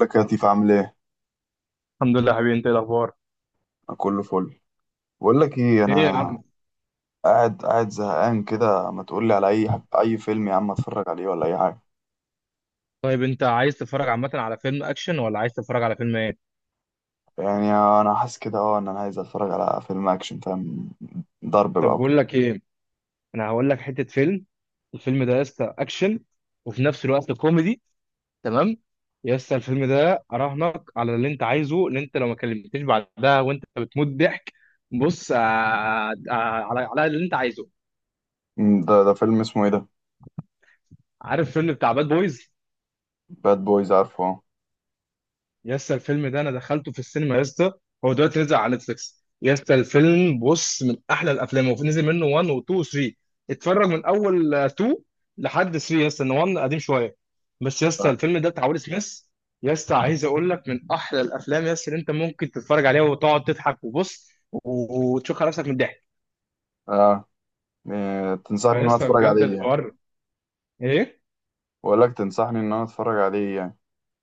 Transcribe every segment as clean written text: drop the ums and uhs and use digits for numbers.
لك يا لطيف، عامل ايه؟ الحمد لله حبيبي. انت ايه الاخبار؟ أنا كله فل. بقول لك ايه، ايه يا انا الحمد عم. قاعد زهقان كده، ما تقول لي على اي حب، اي فيلم يا عم اتفرج عليه ولا اي حاجه. طيب انت عايز تتفرج عامه على فيلم اكشن ولا عايز تتفرج على فيلم ايه؟ يعني انا حاسس كده اه ان انا عايز اتفرج على فيلم اكشن، فاهم، ضرب بقى طب وكده. بقول لك ايه، انا هقول لك حته فيلم. الفيلم ده يا اسطى اكشن وفي نفس الوقت كوميدي، تمام. يا اسطى الفيلم ده اراهنك على اللي انت عايزه ان انت لو ما كلمتنيش بعدها، وانت بتموت ضحك. بص على اللي انت عايزه. ده فيلم اسمه ايه ده؟ عارف فيلم بتاع باد بويز؟ باد بويز، عارفه اه. يا اسطى الفيلم ده انا دخلته في السينما يا اسطى. هو دلوقتي نزل على نتفليكس يا اسطى. الفيلم بص من احلى الافلام، وفي نزل منه 1 و 2 و 3. اتفرج من اول 2 لحد 3 يا اسطى، ان 1 قديم شويه. بس يا اسطى اه. الفيلم ده بتاع ويل سميث. يا اسطى عايز اقول لك من احلى الافلام يا اسطى اللي انت ممكن تتفرج عليها وتقعد تضحك، وبص وتشوف نفسك من الضحك. آه. تنصحني ان فيا انا اسطى اتفرج بجد عليه يعني. الحوار ايه. بقول لك تنصحني ان انا اتفرج عليه يعني.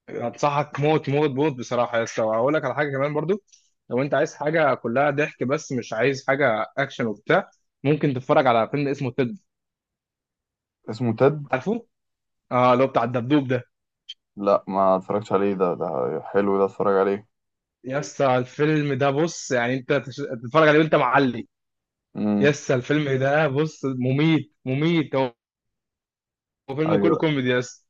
هتصحك موت موت موت بصراحه يا اسطى، وهقول لك على حاجه كمان برضو. لو انت عايز حاجه كلها ضحك بس مش عايز حاجه اكشن وبتاع، ممكن تتفرج على فيلم اسمه تيد. اسمه تد. عارفه، اه اللي هو بتاع الدبدوب ده. لا ما اتفرجتش عليه، ده حلو؟ ده اتفرج عليه؟ يا اسطى الفيلم ده بص، يعني انت تتفرج عليه وانت معلي. يا امم. اسطى الفيلم ده بص مميت مميت، هو هو فيلم كله ايوه، كوميدي يا اسطى.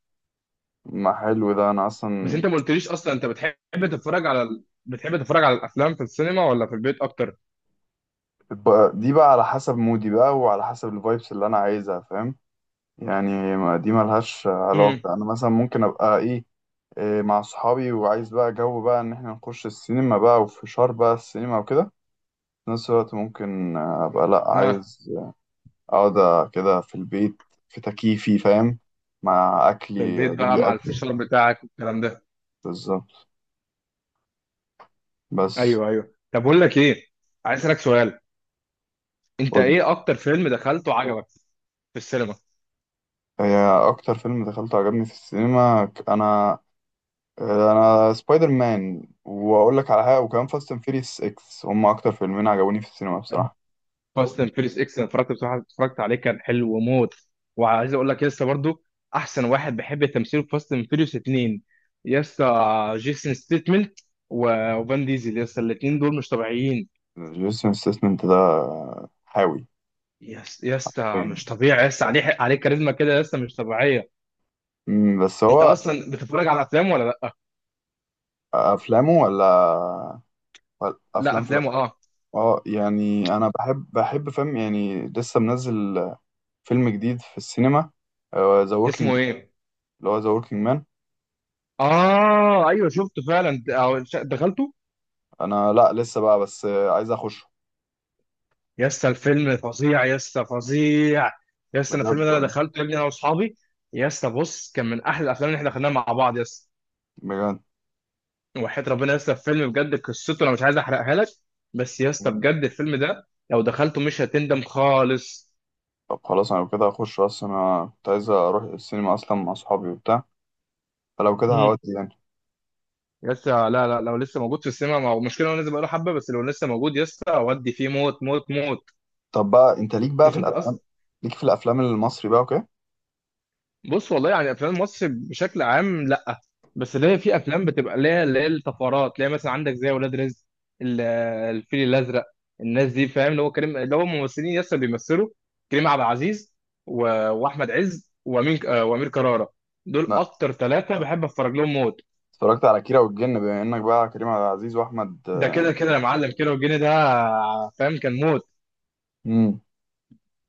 ما حلو ده انا بس اصلا. انت ما قلتليش اصلا انت بتحب تتفرج على بتحب تتفرج على الافلام في السينما ولا في البيت اكتر؟ دي بقى على حسب مودي بقى، وعلى حسب الفايبس اللي انا عايزها فاهم. يعني دي ملهاش علاقة، امم. انا مثلا ممكن ابقى ايه، مع صحابي وعايز بقى جو بقى ان احنا نخش السينما بقى وفشار بقى السينما وكده. في نفس الوقت ممكن ابقى لا، ها. عايز اقعد كده في البيت، في تكييفي فاهم، مع في اكلي، البيت اجيب بقى لي مع اكل. الفشار بتاعك والكلام ده. بالظبط. بس. ايوه ايوه، طب بقول لك ايه، عايز اسالك سؤال: انت قول. ايه اكتر فيلم دخلته عجبك في السينما؟ هي اكتر فيلم دخلته عجبني في السينما، انا، انا سبايدر مان، واقول لك على حاجه وكمان فاست اند فيريس 6. هم اكتر فيلمين عجبوني في السينما بصراحه. فاست اند فيريس اكس انا اتفرجت، بصراحه اتفرجت عليه كان حلو وموت. وعايز اقول لك لسه برضو احسن واحد بحب تمثيله في فاست اند فيريس اتنين، يسا جيسون ستيتمنت وفان ديزل. يسا الاتنين دول مش طبيعيين. جيسون ستاثام ده حاوي. يس يسا فاهم. مش طبيعي، يسا عليه كاريزما كده يسا مش طبيعيه. بس انت هو اصلا بتتفرج على افلام ولا لا؟ افلامه، ولا ولا لا افلام في. افلامه اه. اه يعني انا بحب فيلم، يعني لسه منزل فيلم جديد في السينما، ذا وركينج، اسمه ايه؟ اللي هو ذا وركينج مان. اه ايوه شفته فعلا، دخلته. انا لا لسه بقى بس عايز اخشه. يا اسطى الفيلم فظيع يا اسطى فظيع. يا اسطى انا الفيلم بجد ده انا دخلته يا ابني انا واصحابي. يا اسطى بص كان من احلى الافلام اللي احنا دخلناها مع بعض يا اسطى. بجد. وحياة ربنا يا اسطى الفيلم بجد قصته انا مش عايز احرقها لك، بس يا اسطى بجد الفيلم ده لو دخلته مش هتندم خالص. طب خلاص انا لو كده هخش، اصلا انا كنت عايز اروح السينما اصلا مع صحابي وبتاع، فلو كده امم. هودي يعني. يا اسطى لا لا، لو لسه موجود في السينما، ما هو المشكله هو نازل بقاله حبه، بس لو لسه موجود يا اسطى اودي فيه موت موت موت. طب بقى انت ليك بقى مش في انت الافلام، اصلا. ليك في الافلام المصري بقى، اوكي؟ بص والله يعني افلام مصر بشكل عام لا، بس اللي هي في افلام بتبقى ليها اللي هي الطفرات، اللي هي مثلا عندك زي ولاد رزق، ال- الفيل الازرق. الناس دي فاهم اللي هو كريم، اللي هو ممثلين لسه بيمثلوا: كريم عبد العزيز و... واحمد عز وامين وامير كرارة. دول لا، اكتر ثلاثه بحب اتفرج لهم موت. اتفرجت على كيرة والجن بما انك بقى كريم عبد العزيز واحمد. ده كده كده يا معلم، كده والجن ده فاهم كان موت. امم.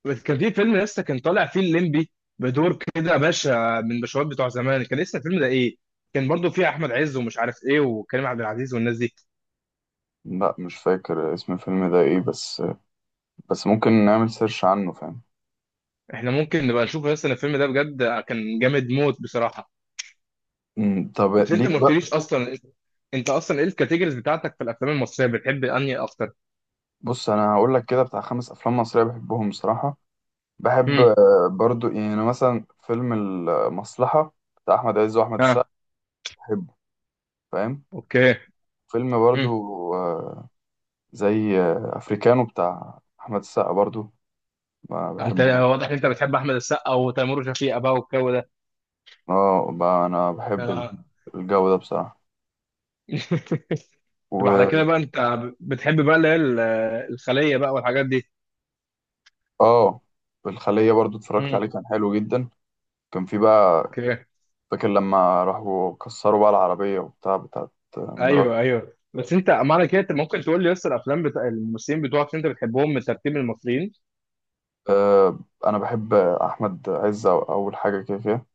بس كان في فيلم لسه كان طالع فيه الليمبي، بدور كده باشا من باشوات بتوع زمان، كان اسم الفيلم ده ايه؟ كان برضو فيه احمد عز ومش عارف ايه، وكريم عبد العزيز والناس دي. لا مش فاكر اسم الفيلم ده ايه، بس بس ممكن نعمل سيرش عنه فاهم. احنا ممكن نبقى نشوف لسه الفيلم ده، بجد كان جامد موت بصراحه. امم. طب بس انت ليك ما بقى. قلتليش اصلا انت، أنت اصلا ايه الكاتيجوريز بتاعتك في الافلام المصريه، بتحب انهي اكتر؟ بص انا هقول لك كده بتاع خمس افلام مصرية بحبهم بصراحة. بحب امم. برضو يعني مثلا فيلم المصلحة بتاع احمد عز واحمد السقا، ها. بحبه فاهم. اوكي. فيلم برضو امم. آه، زي افريكانو بتاع احمد السقا برضو، ما انت بحبه. واضح ان انت بتحب احمد السقا وتيمور وشفيقة بقى والجو ده. اه، انا بحب آه. الجو ده بصراحه. طب على كده و بقى انت بتحب بقى اللي هي الخليه بقى والحاجات اه الخليه برضو اتفرجت دي. عليه كان حلو جدا. كان في بقى، اوكي. فاكر لما راحوا كسروا بقى العربيه وبتاع بتاعت مرات. ايوه ايوه بس انت معنى كده انت ممكن تقول لي لسه الافلام بتاع الممثلين بتوعك اللي انت بتحبهم من ترتيب المصريين. آه، انا بحب احمد عز، اول حاجه كده كده،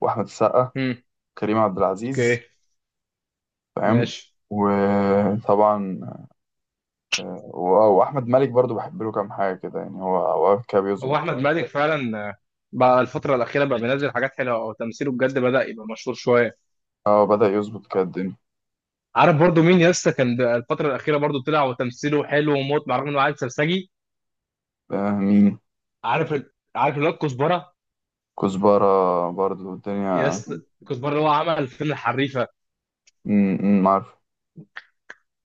واحمد السقا، امم. كريم عبد العزيز، اوكي. فاهم. ماشي. وطبعا واحمد مالك برضو بحب له كام حاجه كده، يعني هو اوقات كده هو بيظبط احمد كده. مالك فعلا بقى الفتره الاخيره بقى بينزل حاجات حلوه، او تمثيله بجد بدا يبقى مشهور شويه. اه بدا يظبط كده الدنيا. عارف برضو مين لسه كان ده الفتره الاخيره برضو طلع وتمثيله حلو وموت، مع رغم انه عيل سرسجي. آه مين؟ عارف عارف اللي هو الكزبره. كزبره برضو الدنيا. يس. الكزبره اللي هو عمل فيلم الحريفه. عارف.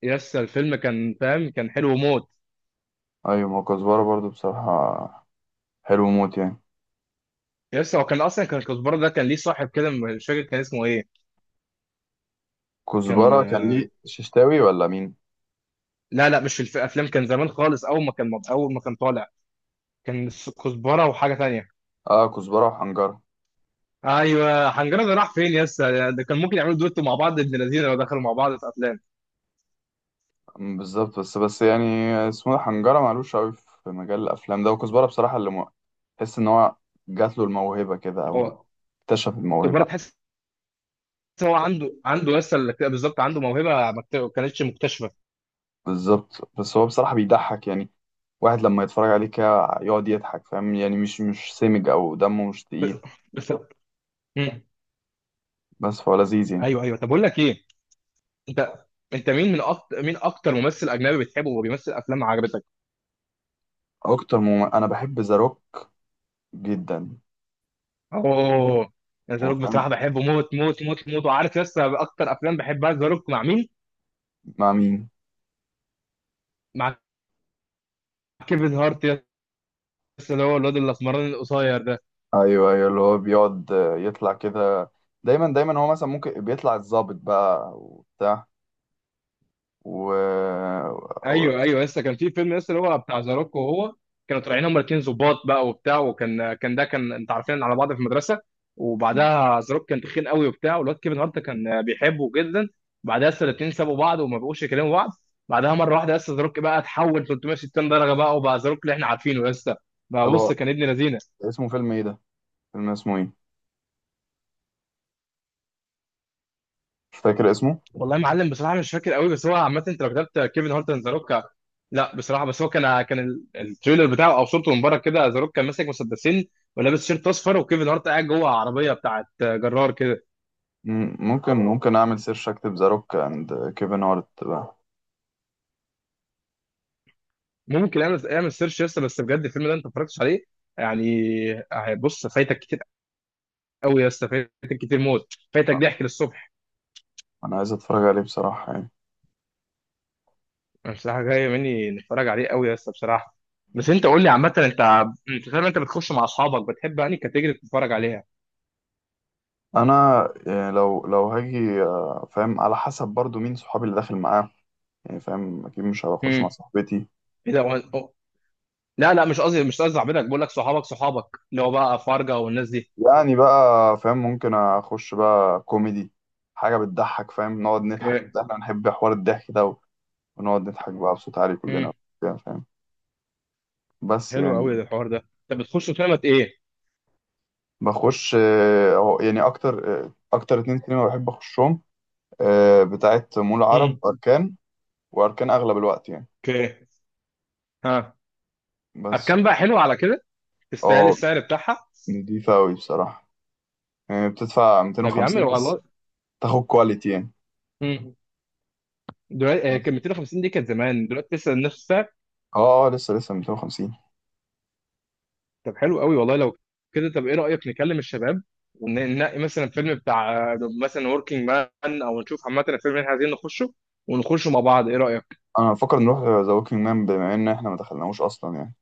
يس الفيلم كان فاهم كان حلو موت. ايوه، ما هو كزبره برضو بصراحه حلو موت يعني. يس هو كان اصلا كان الكزبره ده كان ليه صاحب كده، مش فاكر كان اسمه ايه. كان كزبره كان ليه ششتاوي ولا مين؟ لا لا مش في الافلام، كان زمان خالص، اول ما كان اول ما كان طالع كان كزبره وحاجه تانية. اه كزبره وحنجره. ايوه حنجره، ده راح فين يا اسطى؟ ده كان ممكن يعملوا دويتو مع بعض ابن الذين لو دخلوا مع بعض في افلام. بالظبط، بس يعني اسمه ده حنجره، معلوش قوي في مجال الافلام ده، وكزبره بصراحه تحس ان هو جات له الموهبه كده، او هو اكتشف كزبره الموهبه. تحس إن هو عنده يس، بالظبط عنده موهبه ما كت- كانتش مكتشفه. بالظبط. بس هو بصراحه بيضحك يعني، واحد لما يتفرج عليه كده يقعد يضحك، فاهم يعني، مش سمج او دمه مش ب- تقيل، بس. مم. بس فهو لذيذ يعني. ايوه ايوه، طب اقول لك ايه، انت انت مين من اكتر مين اكتر ممثل اجنبي بتحبه وبيمثل افلام عجبتك؟ اكتر انا بحب ذا روك جدا. اوه. ذا روك وفاهم بصراحه بحبه موت موت موت موت. وعارف يس اكتر افلام بحبها ذا روك مع مين؟ مع مين. مع كيفن هارت. يس اللي هو الواد الاسمراني القصير ده. ايوه ايوه، اللي هو بيقعد يطلع كده، دايما هو مثلا ممكن بيطلع الضابط بقى وبتاع، و و- ايوه ايوه، لسه كان في فيلم لسه اللي هو بتاع زاروكو وهو، كانوا طالعين هما الاثنين ظباط بقى وبتاع، وكان ده كان انت عارفين على بعض في المدرسه، وبعدها زاروك كان تخين قوي وبتاع، والواد كيفن هارت كان بيحبه جدا. بعدها لسه الاثنين سابوا بعض وما بقوش يكلموا بعض. بعدها مره واحده لسه زاروك بقى اتحول 360 درجه بقى، وبقى زاروك اللي احنا عارفينه لسه بقى. طب بص هو كان ابن لذينه. اسمه فيلم ايه ده؟ فيلم اسمه ايه؟ مش فاكر اسمه. والله يا معلم بصراحه مش فاكر قوي، بس هو عامه انت لو كتبت كيفن هارت اند ذا روك. لا بصراحه بس هو كان التريلر بتاعه او صورته من بره كده ذا روك كان ماسك مسدسين ولابس شيرت اصفر، وكيفن هارت قاعد جوه عربيه بتاعت جرار كده. ممكن اعمل سيرش اكتب ذا روك اند كيفن هارت بقى. ممكن اعمل سيرش يا اسطى، بس بجد الفيلم ده انت ما اتفرجتش عليه يعني. بص فايتك كتير قوي يا اسطى، فايتك كتير موت، فايتك ضحك للصبح. انا عايز اتفرج عليه بصراحة يعني. أنا بصراحه جاي مني نتفرج عليه قوي يا اسطى بصراحه. بس انت قول لي عامه انت، انت فاهم انت بتخش مع اصحابك، بتحب يعني كاتيجوري تتفرج عليها؟ انا يعني لو هاجي فاهم، على حسب برضو مين صحابي اللي داخل معاه، يعني فاهم، اكيد مش هخش امم. مع صاحبتي. ايه ده؟ لا لا مش قصدي صاحبتك بقول لك صحابك اللي هو بقى فرجة والناس دي. يعني بقى فاهم، ممكن اخش بقى كوميدي، حاجه بتضحك، فاهم نقعد نضحك، اوكي. بس احنا بنحب حوار الضحك ده، ونقعد نضحك بقى بصوت عالي امم. كلنا وبتاع، فاهم، بس حلو قوي يعني. ده الحوار ده، طب بتخش قمة ايه؟ بخش هو يعني اكتر اكتر اتنين سينما بحب اخشهم بتاعت مول امم. عرب اركان، واركان اغلب الوقت يعني، اوكي. ها. بس. اركان بقى حلو، على كده تستاهل اه، السعر بتاعها. نضيفه قوي بصراحه، يعني بتدفع طب يا عم 250 لو بس، والله. تاخد كواليتي يعني. امم. دلوقتي بس. كان 250 دي كانت زمان، دلوقتي لسه نفس السعر؟ اه اه، لسه 250. طب حلو قوي والله. لو كده طب ايه رأيك نكلم الشباب وننقي مثلا فيلم بتاع مثلا وركينج مان، او نشوف عامة الفيلم اللي احنا عايزين نخشه، ونخشه مع بعض، ايه رأيك؟ انا بفكر نروح ذا ووكينج مان بما ان احنا ما دخلناهوش اصلا يعني.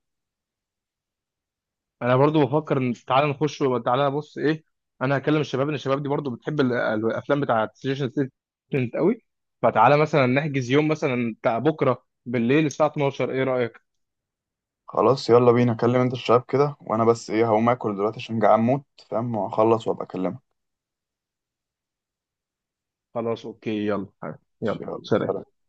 انا برضو بفكر ان تعالى نخش تعالى بص ايه، انا هكلم الشباب ان الشباب دي برضو بتحب الافلام بتاعه سجيشن ستودنت قوي. فتعالى مثلا نحجز يوم مثلا بتاع بكره بالليل الساعه 12، ايه رايك؟ خلاص يلا بينا، كلم انت الشباب كده، وانا بس ايه، هقوم اكل دلوقتي عشان جعان موت فاهم، وهخلص وابقى اكلمك. خلاص اوكي يلا. ماشي، يلا يلا سلام. سلام.